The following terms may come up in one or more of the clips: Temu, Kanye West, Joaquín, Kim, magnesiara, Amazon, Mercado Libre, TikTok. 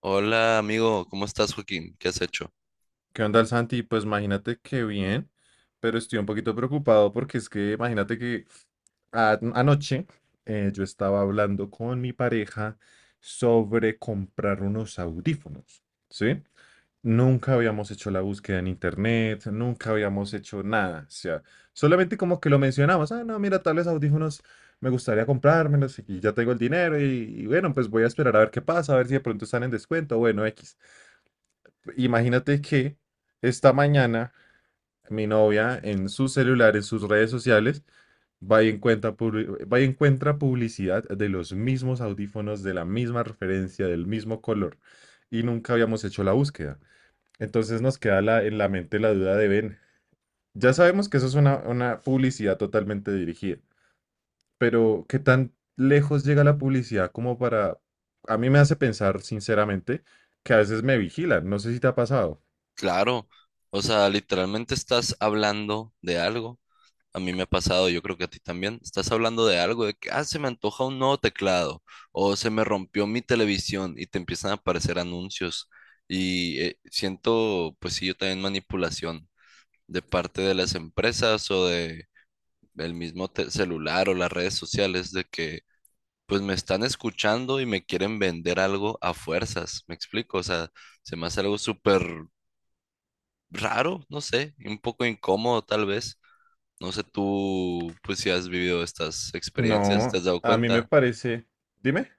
Hola amigo, ¿cómo estás, Joaquín? ¿Qué has hecho? ¿Qué onda, el Santi? Pues imagínate que bien, pero estoy un poquito preocupado porque es que imagínate que anoche yo estaba hablando con mi pareja sobre comprar unos audífonos, ¿sí? Nunca habíamos hecho la búsqueda en internet, nunca habíamos hecho nada, o sea, solamente como que lo mencionamos, ah, no, mira, tales audífonos me gustaría comprármelos y ya tengo el dinero y bueno, pues voy a esperar a ver qué pasa, a ver si de pronto están en descuento, bueno, X. Imagínate que esta mañana mi novia en su celular, en sus redes sociales, va y encuentra, va y encuentra publicidad de los mismos audífonos, de la misma referencia, del mismo color, y nunca habíamos hecho la búsqueda. Entonces nos queda en la mente la duda de Ben. Ya sabemos que eso es una publicidad totalmente dirigida, pero ¿qué tan lejos llega la publicidad como para... A mí me hace pensar, sinceramente, que a veces me vigilan. No sé si te ha pasado. Claro, o sea, literalmente estás hablando de algo. A mí me ha pasado, yo creo que a ti también. Estás hablando de algo, de que, ah, se me antoja un nuevo teclado o se me rompió mi televisión y te empiezan a aparecer anuncios. Y siento, pues sí, yo también manipulación de parte de las empresas o de el mismo celular o las redes sociales de que pues me están escuchando y me quieren vender algo a fuerzas. ¿Me explico? O sea, se me hace algo súper raro, no sé, y un poco incómodo tal vez. No sé tú, pues si has vivido estas experiencias, ¿te No, has dado a mí me cuenta? parece... Dime.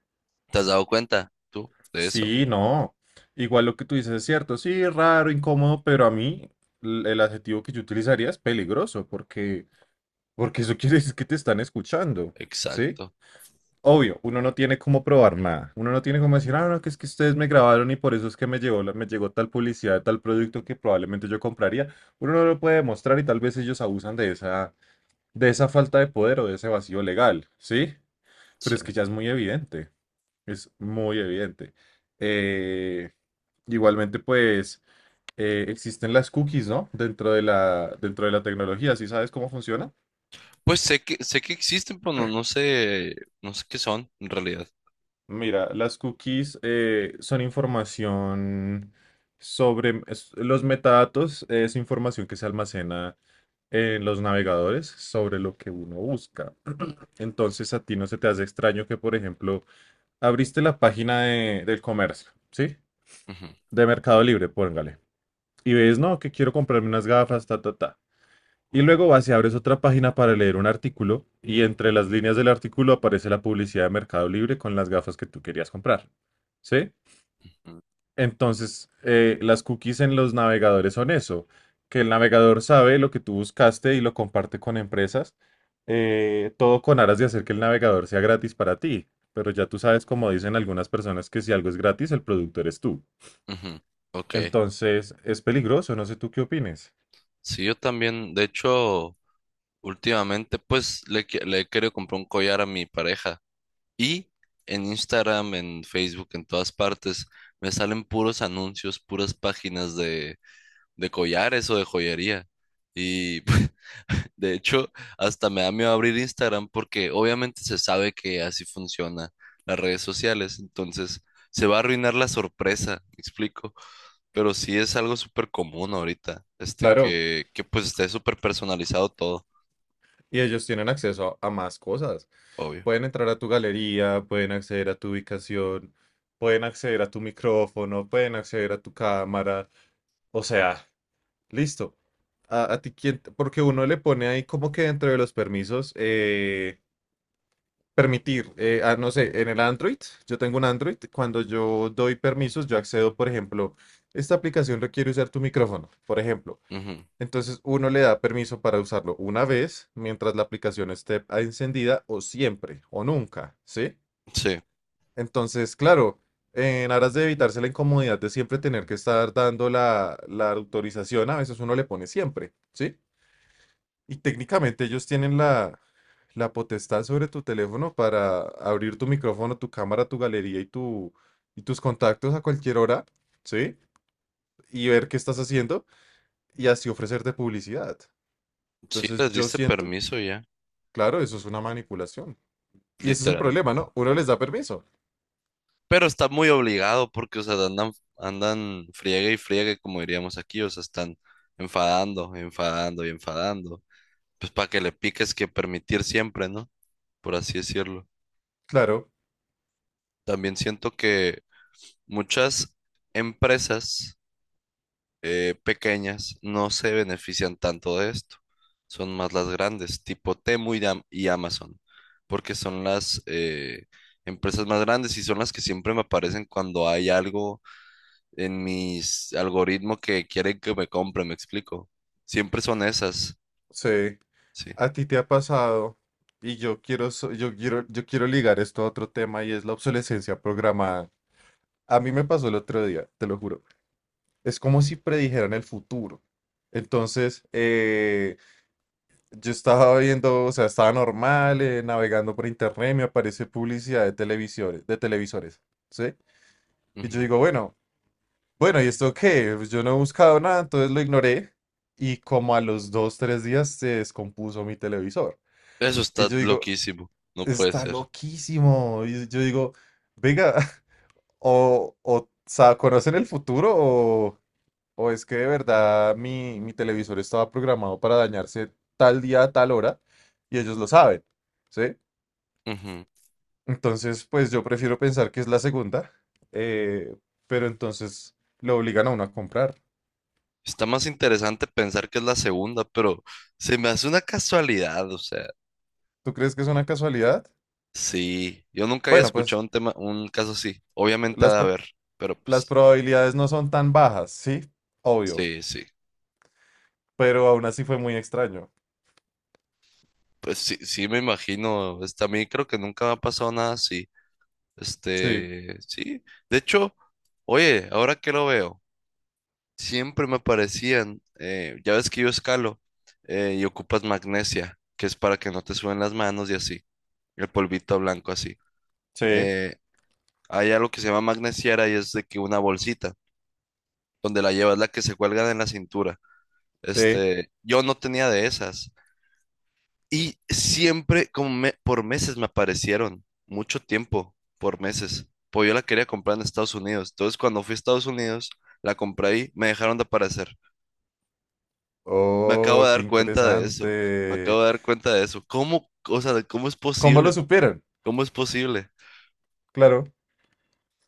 ¿Te has dado cuenta tú de eso? Sí, no. Igual lo que tú dices es cierto. Sí, raro, incómodo, pero a mí el adjetivo que yo utilizaría es peligroso, porque eso quiere decir que te están escuchando, ¿sí? Exacto. Obvio, uno no tiene cómo probar nada. Uno no tiene cómo decir, ah, no, que es que ustedes me grabaron y por eso es que me llegó, me llegó tal publicidad de tal producto que probablemente yo compraría. Uno no lo puede demostrar y tal vez ellos abusan de de esa falta de poder o de ese vacío legal, ¿sí? Pero Sí. es que ya es muy evidente. Es muy evidente. Eh, Igualmente, pues existen las cookies, ¿no? Dentro de dentro de la tecnología, ¿sí sabes cómo funciona? Pues sé que existen, pero no, no sé, no sé qué son en realidad. Mira, las cookies son información sobre los metadatos, es información que se almacena en los navegadores sobre lo que uno busca. Entonces, a ti no se te hace extraño que, por ejemplo, abriste la página del comercio, ¿sí? Ujú, De Mercado Libre, póngale. Y ves, no, que quiero comprarme unas gafas, ta, ta, ta. Y luego vas y abres otra página para leer un artículo y entre las líneas del artículo aparece la publicidad de Mercado Libre con las gafas que tú querías comprar. ¿Sí? ujú, Entonces, las cookies en los navegadores son eso, que el navegador sabe lo que tú buscaste y lo comparte con empresas, todo con aras de hacer que el navegador sea gratis para ti. Pero ya tú sabes, como dicen algunas personas, que si algo es gratis, el producto eres tú. ujú. Ok. Entonces, es peligroso, no sé tú qué opines. Sí, yo también, de hecho, últimamente pues le, le he querido comprar un collar a mi pareja. Y en Instagram, en Facebook, en todas partes, me salen puros anuncios, puras páginas de collares o de joyería. Y de hecho, hasta me da miedo abrir Instagram porque obviamente se sabe que así funciona las redes sociales. Entonces, se va a arruinar la sorpresa, me explico. Pero sí es algo súper común ahorita, este Claro, que pues esté súper personalizado todo, y ellos tienen acceso a más cosas. obvio. Pueden entrar a tu galería, pueden acceder a tu ubicación, pueden acceder a tu micrófono, pueden acceder a tu cámara. O sea, listo. A ti porque uno le pone ahí como que dentro de los permisos, permitir, no sé, en el Android, yo tengo un Android, cuando yo doy permisos, yo accedo, por ejemplo, esta aplicación requiere usar tu micrófono, por ejemplo. Ujú. Entonces uno le da permiso para usarlo una vez mientras la aplicación esté encendida o siempre o nunca, ¿sí? Sí, Entonces, claro, en aras de evitarse la incomodidad de siempre tener que estar dando la autorización, a veces uno le pone siempre, ¿sí? Y técnicamente ellos tienen la potestad sobre tu teléfono para abrir tu micrófono, tu cámara, tu galería y y tus contactos a cualquier hora, ¿sí? Y ver qué estás haciendo y así ofrecerte publicidad. sí Entonces, les yo diste siento, permiso ya, claro, eso es una manipulación. Y ese es el problema, literalmente. ¿no? Uno les da permiso. Pero está muy obligado porque, o sea, andan, andan friegue y friegue, como diríamos aquí, o sea, están enfadando, enfadando y enfadando. Pues para que le piques que permitir siempre, ¿no? Por así decirlo. Claro, También siento que muchas empresas pequeñas no se benefician tanto de esto. Son más las grandes, tipo Temu y, y Amazon, porque son las empresas más grandes y son las que siempre me aparecen cuando hay algo en mis algoritmos que quieren que me compre, me explico. Siempre son esas, sí. sí. A ti te ha pasado, y yo quiero, yo quiero, yo quiero ligar esto a otro tema y es la obsolescencia programada. A mí me pasó el otro día, te lo juro. Es como si predijeran el futuro. Entonces, yo estaba viendo, o sea, estaba normal, navegando por internet, me aparece publicidad de televisores, ¿sí? Y yo Ujú. digo, bueno, bueno, ¿y esto qué? Pues yo no he buscado nada, entonces lo ignoré. Y como a los dos, tres días se descompuso mi televisor. Eso Y está yo digo, loquísimo, no puede está ser. loquísimo. Y yo digo, venga, o sea, ¿conocen el futuro o es que de verdad mi televisor estaba programado para dañarse tal día, a tal hora? Y ellos lo saben, ¿sí? Ujú. Entonces, pues yo prefiero pensar que es la segunda, eh, pero entonces lo obligan a uno a comprar. Está más interesante pensar que es la segunda, pero se me hace una casualidad, o sea, ¿Tú crees que es una casualidad? sí, yo nunca había Bueno, pues escuchado un tema, un caso así. Obviamente ha las, de pro- haber, pero las pues, probabilidades no son tan bajas, ¿sí? Obvio, sí, sí. pero aún así fue muy extraño. Pues sí, sí me imagino. Este, a mí creo que nunca me ha pasado nada así. Sí. Este, sí. De hecho, oye, ahora que lo veo. Siempre me aparecían, ya ves que yo escalo y ocupas magnesia, que es para que no te suben las manos y así, el polvito blanco así. Sí. Eh, Hay algo que se llama magnesiara y es de que una bolsita, donde la llevas la que se cuelga en la cintura. Sí. Este, yo no tenía de esas y siempre, como por meses me aparecieron, mucho tiempo, por meses, pues yo la quería comprar en Estados Unidos. Entonces cuando fui a Estados Unidos, la compré ahí, me dejaron de aparecer. Me acabo Oh, de qué dar cuenta de eso. Me acabo interesante. de dar cuenta de eso. ¿Cómo, o sea, cómo es ¿Cómo posible? lo supieron? ¿Cómo es posible? Claro,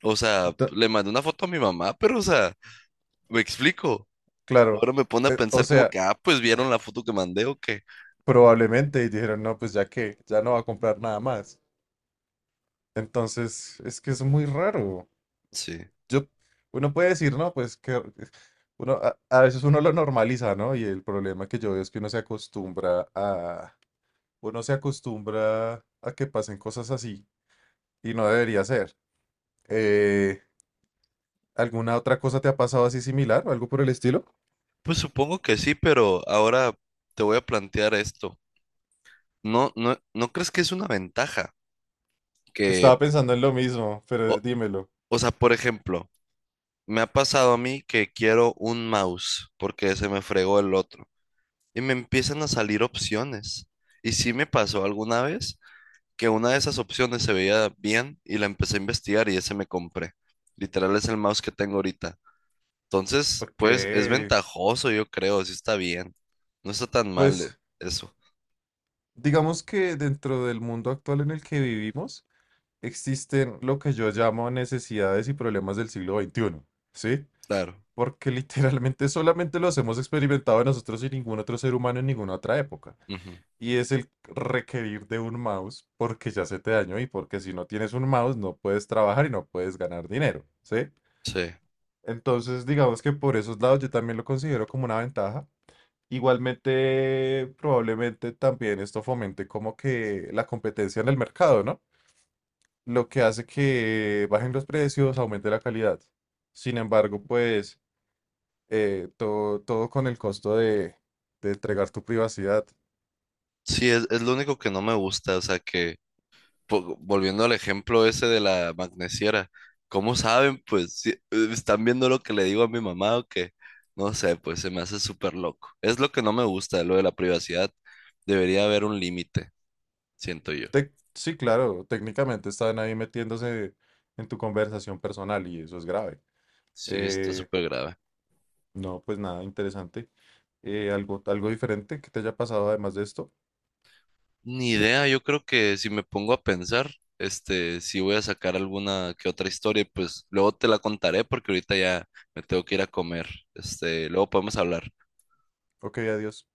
O sea, ento- le mandé una foto a mi mamá, pero, o sea, me explico. claro. Ahora me pone a O pensar como sea, que, ah, pues vieron la foto que mandé o qué. probablemente y dijeron, no, pues ya que, ya no va a comprar nada más. Entonces, es que es muy raro. Sí. Yo, uno puede decir, no, pues que uno, a veces uno lo normaliza, ¿no? Y el problema que yo veo es que uno se acostumbra a, uno se acostumbra a que pasen cosas así y no debería ser. Eh, ¿Alguna otra cosa te ha pasado así similar o algo por el estilo? Pues supongo que sí, pero ahora te voy a plantear esto. ¿No, no, no crees que es una ventaja? Que, Estaba pensando en lo mismo, o, pero dímelo. o sea, por ejemplo, me ha pasado a mí que quiero un mouse porque se me fregó el otro. Y me empiezan a salir opciones. Y sí me pasó alguna vez que una de esas opciones se veía bien y la empecé a investigar y ese me compré. Literal es el mouse que tengo ahorita. Entonces, Ok, pues es ventajoso, yo creo, sí está bien. No está tan mal pues eso, digamos que dentro del mundo actual en el que vivimos existen lo que yo llamo necesidades y problemas del siglo 21, ¿sí? claro. porque literalmente solamente los hemos experimentado nosotros y ningún otro ser humano en ninguna otra época. Ujú. Y es el requerir de un mouse porque ya se te dañó y porque si no tienes un mouse no puedes trabajar y no puedes ganar dinero, ¿sí? Sí, Entonces, digamos que por esos lados yo también lo considero como una ventaja. Igualmente, probablemente también esto fomente como que la competencia en el mercado, ¿no? Lo que hace que bajen los precios, aumente la calidad. Sin embargo, pues todo con el costo de entregar tu privacidad. sí, es lo único que no me gusta, o sea, que volviendo al ejemplo ese de la magnesiera, ¿cómo saben? Pues están viendo lo que le digo a mi mamá o que no sé, pues se me hace súper loco. Es lo que no me gusta, lo de la privacidad. Debería haber un límite, siento yo. Sí, claro, técnicamente están ahí metiéndose en tu conversación personal y eso es grave. Sí, está Eh, súper grave. no, pues nada, interesante. Algo diferente que te haya pasado además de esto. Ni idea, yo creo que si me pongo a pensar, este, si voy a sacar alguna que otra historia, pues luego te la contaré porque ahorita ya me tengo que ir a comer. Este, luego podemos hablar. Ok, adiós.